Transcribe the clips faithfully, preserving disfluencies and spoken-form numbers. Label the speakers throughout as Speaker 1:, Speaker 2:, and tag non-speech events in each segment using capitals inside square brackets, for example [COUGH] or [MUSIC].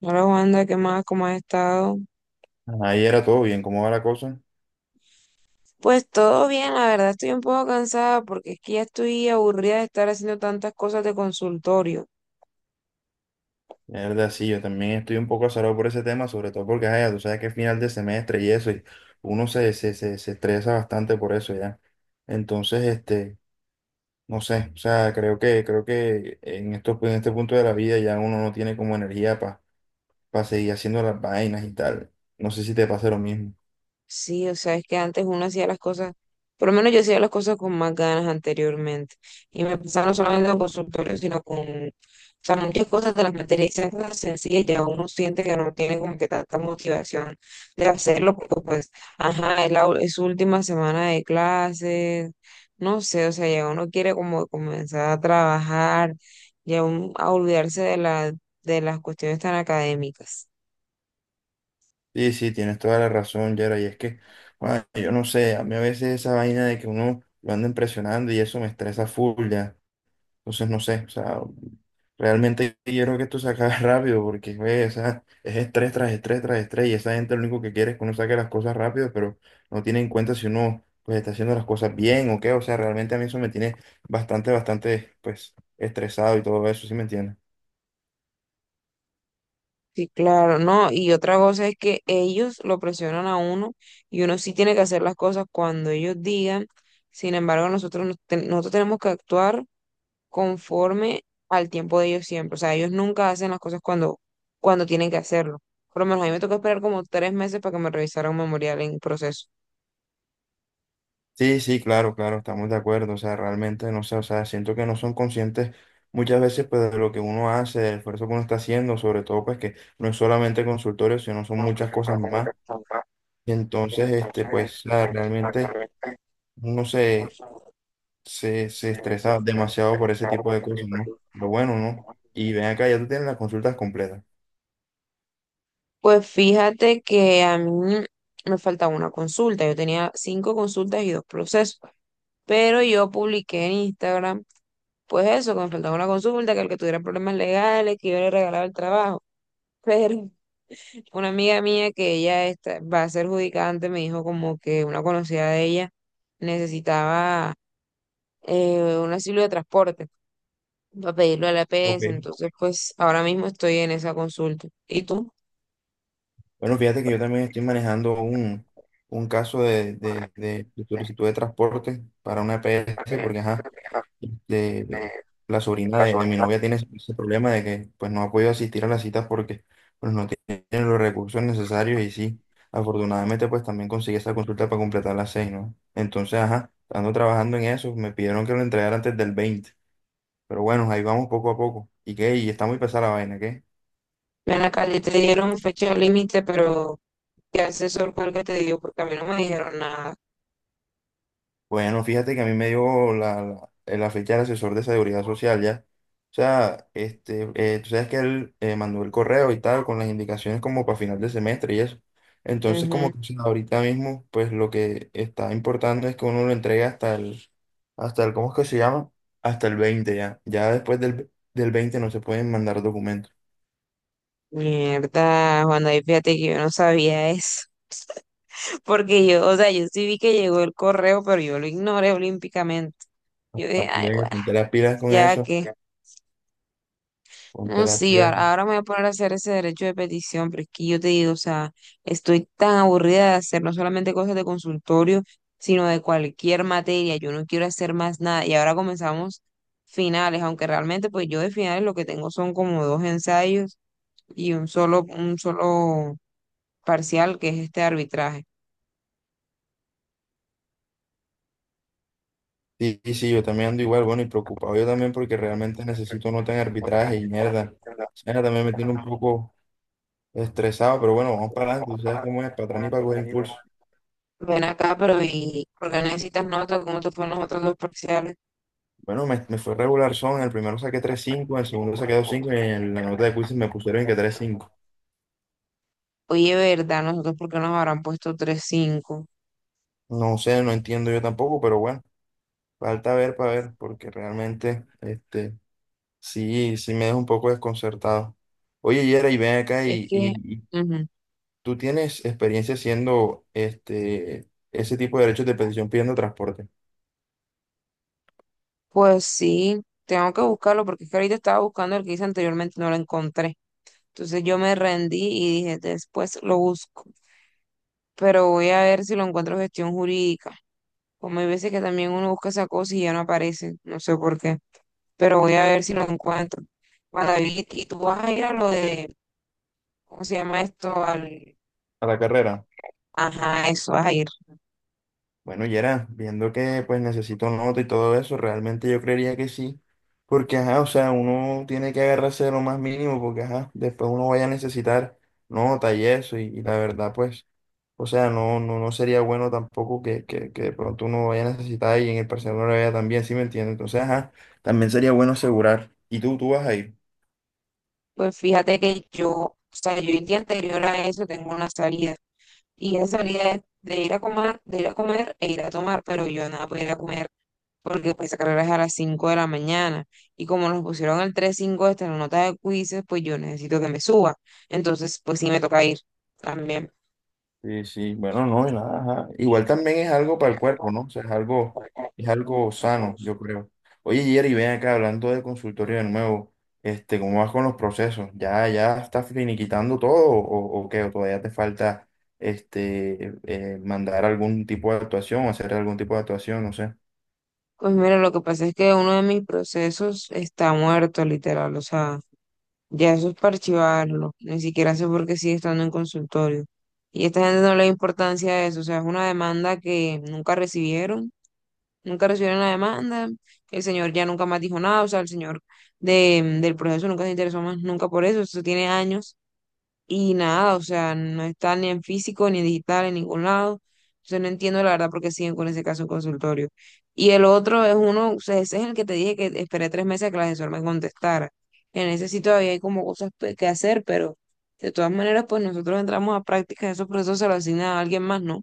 Speaker 1: Hola Wanda, ¿qué más? ¿Cómo has estado?
Speaker 2: Ahí era todo bien, ¿cómo va la cosa?
Speaker 1: Pues todo bien, la verdad estoy un poco cansada porque es que ya estoy aburrida de estar haciendo tantas cosas de consultorio.
Speaker 2: La verdad, sí, yo también estoy un poco azarado por ese tema, sobre todo porque, ay, tú sabes que es final de semestre y eso, y uno se, se, se, se estresa bastante por eso ya. Entonces, este, no sé, o sea, creo que, creo que en esto, en este punto de la vida ya uno no tiene como energía para seguir haciendo las vainas y tal. No sé si te pasa lo mismo.
Speaker 1: Sí, o sea, es que antes uno hacía las cosas, por lo menos yo hacía las cosas con más ganas anteriormente. Y me pasaba no solamente con consultorios, sino con, o sea, muchas cosas de las materias esas cosas sencillas, ya uno siente que no tiene como que tanta motivación de hacerlo, porque pues, ajá, es, la, u- es su última semana de clases, no sé, o sea, ya uno quiere como comenzar a trabajar, ya uno- a olvidarse de la, de las cuestiones tan académicas.
Speaker 2: Sí, sí, tienes toda la razón, Yera, y es que, bueno, yo no sé, a mí a veces esa vaina de que uno lo anda impresionando y eso me estresa full ya. Entonces, no sé, o sea, realmente quiero que esto se acabe [LAUGHS] rápido porque, güey, o sea, es estrés tras estrés tras estrés y esa gente lo único que quiere es que uno saque las cosas rápido, pero no tiene en cuenta si uno, pues, está haciendo las cosas bien o qué, o sea, realmente a mí eso me tiene bastante, bastante, pues, estresado y todo eso, ¿sí me entiendes?
Speaker 1: Sí, claro, no, y otra cosa es que ellos lo presionan a uno y uno sí tiene que hacer las cosas cuando ellos digan, sin embargo nosotros, nos ten- nosotros tenemos que actuar conforme al tiempo de ellos siempre, o sea, ellos nunca hacen las cosas cuando, cuando tienen que hacerlo, por lo menos a mí me tocó esperar como tres meses para que me revisaran un memorial en proceso.
Speaker 2: Sí, sí, claro, claro, estamos de acuerdo, o sea, realmente, no sé, o sea, siento que no son conscientes muchas veces, pues, de lo que uno hace, del esfuerzo que uno está haciendo, sobre todo, pues, que no es solamente consultorio, sino son muchas cosas más. Entonces, este, pues nada, realmente uno se, se, se estresa demasiado por ese tipo de cosas, ¿no? Lo bueno, ¿no? Y ven acá, ya tú tienes las consultas completas.
Speaker 1: Pues fíjate que a mí me faltaba una consulta. Yo tenía cinco consultas y dos procesos, pero yo publiqué en Instagram, pues eso, que me faltaba una consulta, que el que tuviera problemas legales, que yo le regalaba el trabajo. Pero [LAUGHS] una amiga mía que ella está- va a ser judicante me dijo como que una conocida de ella necesitaba eh, un asilo de transporte para pedirlo a la
Speaker 2: Ok.
Speaker 1: E P S. Entonces, pues ahora mismo estoy en esa consulta. ¿Y tú?
Speaker 2: Bueno, fíjate que yo también estoy manejando un, un caso de, de- de- de solicitud de transporte para una EPS porque, ajá, este, la sobrina de, de mi novia tiene ese ese problema de que pues no ha podido asistir a las citas porque pues no tiene los recursos necesarios y sí, afortunadamente pues también conseguí esa consulta para completar las seis, ¿no? Entonces, ajá, ando trabajando en eso, me pidieron que lo entregara antes del veinte, pero bueno, ahí vamos poco a poco. ¿Y qué? ¿Y está muy pesada la vaina, qué?
Speaker 1: Ven acá, ya te dieron fecha límite, pero ¿qué asesor fue el que te dio? Porque a mí no me dijeron nada.
Speaker 2: Bueno, fíjate que a mí me dio la, la, eh, la fecha del asesor de seguridad social ya. O sea, este, eh, tú sabes que él eh, mandó el correo y tal, con las indicaciones como para final de semestre y eso. Entonces, como
Speaker 1: Ujú.
Speaker 2: que o sea, ahorita mismo, pues lo que está importando es que uno lo entregue hasta el, hasta el, ¿cómo es que se llama? Hasta el veinte ya. Ya después del, del veinte no se pueden mandar documentos.
Speaker 1: Mierda, Juan David, fíjate que yo no sabía eso. [LAUGHS] Porque yo, o sea, yo sí vi que llegó el correo, pero yo lo ignoré olímpicamente.
Speaker 2: Ah,
Speaker 1: Yo dije, ay,
Speaker 2: pues,
Speaker 1: bueno,
Speaker 2: ponte las pilas con
Speaker 1: ya
Speaker 2: eso,
Speaker 1: que.
Speaker 2: ponte
Speaker 1: No,
Speaker 2: las
Speaker 1: sí,
Speaker 2: pilas.
Speaker 1: ahora ahora me voy a poner a hacer ese derecho de petición, pero es que yo te digo, o sea, estoy tan aburrida de hacer no solamente cosas de consultorio, sino de cualquier materia, yo no quiero hacer más nada. Y ahora comenzamos finales, aunque realmente pues yo de finales lo que tengo son como dos ensayos y un solo, un solo parcial que es este arbitraje.
Speaker 2: Sí, sí, sí, yo también ando igual, bueno, y preocupado yo también porque realmente necesito nota en arbitraje y mierda. O sea, también me tiene un poco estresado, pero bueno, vamos para adelante, tú sabes cómo es, para atrás ni para coger impulso.
Speaker 1: Ven acá, pero ¿y por qué necesitas notas? ¿Cómo te fueron los otros dos parciales?
Speaker 2: Bueno, me, me fue regular son, en el primero saqué tres cinco, en el segundo saqué dos cinco y en la nota de quizzes me pusieron que tres cinco.
Speaker 1: Oye, ¿verdad? Nosotros, ¿por qué nos habrán puesto tres cinco?
Speaker 2: No sé, no entiendo yo tampoco, pero bueno, falta ver para ver, porque realmente, este, sí, sí me deja un poco desconcertado. Oye, Yera, y ven acá
Speaker 1: Es
Speaker 2: y,
Speaker 1: que...
Speaker 2: y,
Speaker 1: ujú.
Speaker 2: ¿tú tienes experiencia haciendo este, ese tipo de derechos de petición pidiendo transporte
Speaker 1: Pues sí, tengo que buscarlo porque es que ahorita estaba buscando el que hice anteriormente y no lo encontré. Entonces yo me rendí y dije, después lo busco, pero voy a ver si lo encuentro en gestión jurídica. Como hay veces que también uno busca esa cosa y ya no aparece, no sé por qué, pero voy a ver si lo encuentro. Bueno, David, y tú vas a ir a lo de, ¿cómo se llama esto? Al...
Speaker 2: a la carrera?
Speaker 1: Ajá, eso, vas a ir.
Speaker 2: Bueno, y era viendo que pues necesito nota y todo eso, realmente yo creería que sí, porque ajá, o sea, uno tiene que agarrarse de lo más mínimo, porque ajá, después uno vaya a necesitar nota y eso, y, y la verdad pues, o sea, no, no, no sería bueno tampoco que, que, que de pronto uno vaya a necesitar y en el parcial no lo vea también, ¿sí me entiendes? Entonces, ajá, también sería bueno asegurar. ¿Y tú, tú vas ahí?
Speaker 1: Pues fíjate que yo, o sea, yo el día anterior a eso tengo una salida. Y ella salía de, de ir a comer, de ir a comer, e ir a tomar, pero yo nada podía ir a comer porque pues esa carrera es a las cinco de la mañana. Y como nos pusieron el tres cinco hasta la nota de quizzes, pues yo necesito que me suba. Entonces, pues sí me toca ir también.
Speaker 2: Sí, sí, bueno, no, y nada, ajá. Igual también es algo para el cuerpo, ¿no? O sea, es algo, es algo sano, yo creo. Oye, Jerry, ven acá hablando de consultorio de nuevo, este, ¿cómo vas con los procesos? ¿Ya, ya estás finiquitando todo o, o qué? ¿O todavía te falta este, eh, mandar algún tipo de actuación, hacer algún tipo de actuación, no sé?
Speaker 1: Pues mira, lo que pasa es que uno de mis procesos está muerto, literal. O sea, ya eso es para archivarlo. Ni siquiera sé por qué sigue estando en consultorio. Y esta gente no le da importancia a eso. O sea, es una demanda que nunca recibieron nunca recibieron la demanda, el señor ya nunca más dijo nada, o sea, el señor de, del proceso nunca se interesó más, nunca por eso, eso tiene años y nada, o sea, no está ni en físico, ni en digital, en ningún lado, entonces no entiendo la verdad por qué siguen con ese caso en consultorio. Y el otro es uno, o sea, ese es el que te dije que esperé tres meses a que la asesor me contestara. En ese sí todavía hay como cosas pe- que hacer, pero de todas maneras, pues nosotros entramos a prácticas, esos procesos se los asignan a alguien más, ¿no?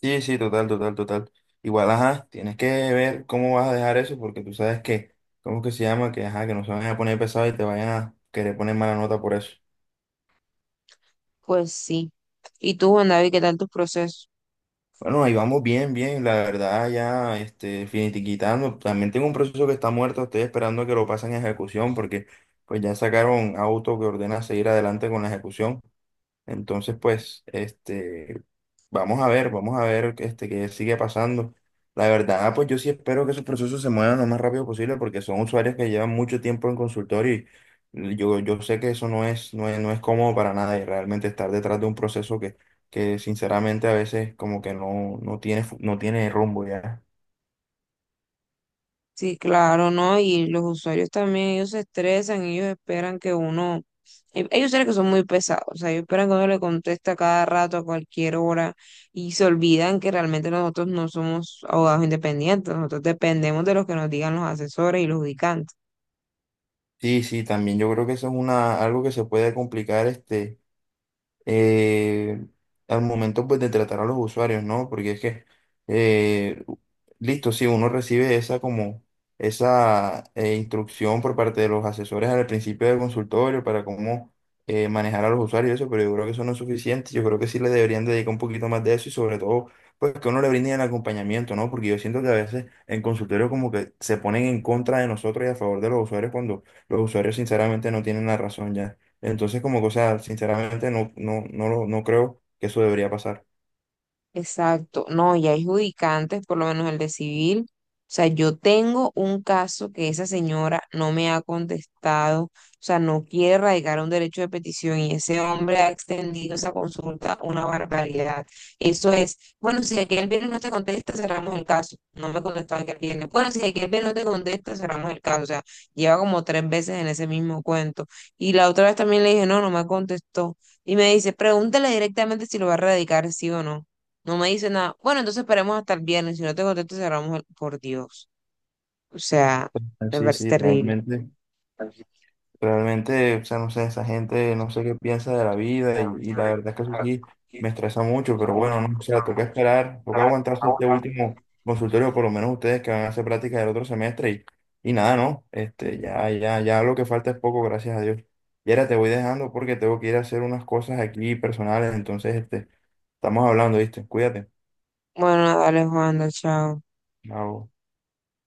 Speaker 2: Sí, sí, total, total, total. Igual, ajá, tienes que ver cómo vas a dejar eso, porque tú sabes que, ¿cómo que se llama? Que, ajá, que no se van a poner pesado y te vayan a querer poner mala nota por eso.
Speaker 1: Pues sí. ¿Y tú, Juan David, qué tal tus procesos?
Speaker 2: Bueno, ahí vamos bien, bien, la verdad ya, este, finiquitando. También tengo un proceso que está muerto, estoy esperando a que lo pasen a ejecución porque pues ya sacaron auto que ordena seguir adelante con la ejecución. Entonces, pues, este, vamos a ver, vamos a ver, este, qué sigue pasando. La verdad, pues yo sí espero que esos procesos se muevan lo más rápido posible porque son usuarios que llevan mucho tiempo en consultorio y yo, yo sé que eso no es, no es, no es cómodo para nada y realmente estar detrás de un proceso que, que sinceramente a veces como que no, no tiene, fu- no tiene rumbo ya.
Speaker 1: Sí, claro, ¿no? Y los usuarios también, ellos se estresan, ellos esperan que uno, eh, ellos saben que son muy pesados, o sea, ellos esperan que uno le conteste a cada rato, a cualquier hora, y se olvidan que realmente nosotros no somos abogados independientes, nosotros dependemos de los que nos digan los asesores y los ubicantes.
Speaker 2: Sí, sí, también yo creo que eso es una, algo que se puede complicar, este. eh, al momento pues de tratar a los usuarios, ¿no? Porque es que, eh, listo, si uno recibe esa como esa eh, instrucción por parte de los asesores al principio del consultorio para cómo eh, manejar a los usuarios y eso, pero yo creo que eso no es suficiente, yo creo que sí le deberían dedicar un poquito más de eso y sobre todo pues que uno le brinde el acompañamiento, ¿no? Porque yo siento que a veces en consultorio como que se ponen en contra de nosotros y a favor de los usuarios cuando los usuarios sinceramente no tienen la razón ya. Entonces, como que, o sea, sinceramente no, no, no, lo- no creo que eso debería pasar.
Speaker 1: Exacto, no, y hay judicantes, por lo menos el de civil. O sea, yo tengo un caso que esa señora no me ha contestado, o sea, no quiere radicar un derecho de petición y ese hombre ha extendido esa consulta una barbaridad. Eso es, bueno, si aquel viernes no te contesta, cerramos el caso. No me contestó aquel viernes. Bueno, si aquel viernes no te contesta, cerramos el caso. O sea, lleva como tres veces en ese mismo cuento. Y la otra vez también le dije, no, no me contestó. Y me dice, pregúntale directamente si lo va a radicar, sí o no. No me dice nada. Bueno, entonces esperemos hasta el viernes. Si no te contesto, cerramos el... Por Dios. O sea, me
Speaker 2: Sí,
Speaker 1: parece
Speaker 2: sí,
Speaker 1: terrible.
Speaker 2: realmente, realmente, o sea, no sé, esa gente no sé qué piensa de la vida y, y la verdad es que eso sí me estresa mucho, pero bueno, no, o sea, toca esperar, toca aguantarse este último consultorio, por lo menos ustedes que van a hacer práctica del otro semestre y, y nada, ¿no? Este, ya, ya, ya lo que falta es poco, gracias a Dios. Y ahora te voy dejando porque tengo que ir a hacer unas cosas aquí personales, entonces, este, estamos hablando, ¿viste? Cuídate.
Speaker 1: Bueno, dale, Juanda, chao.
Speaker 2: Chao.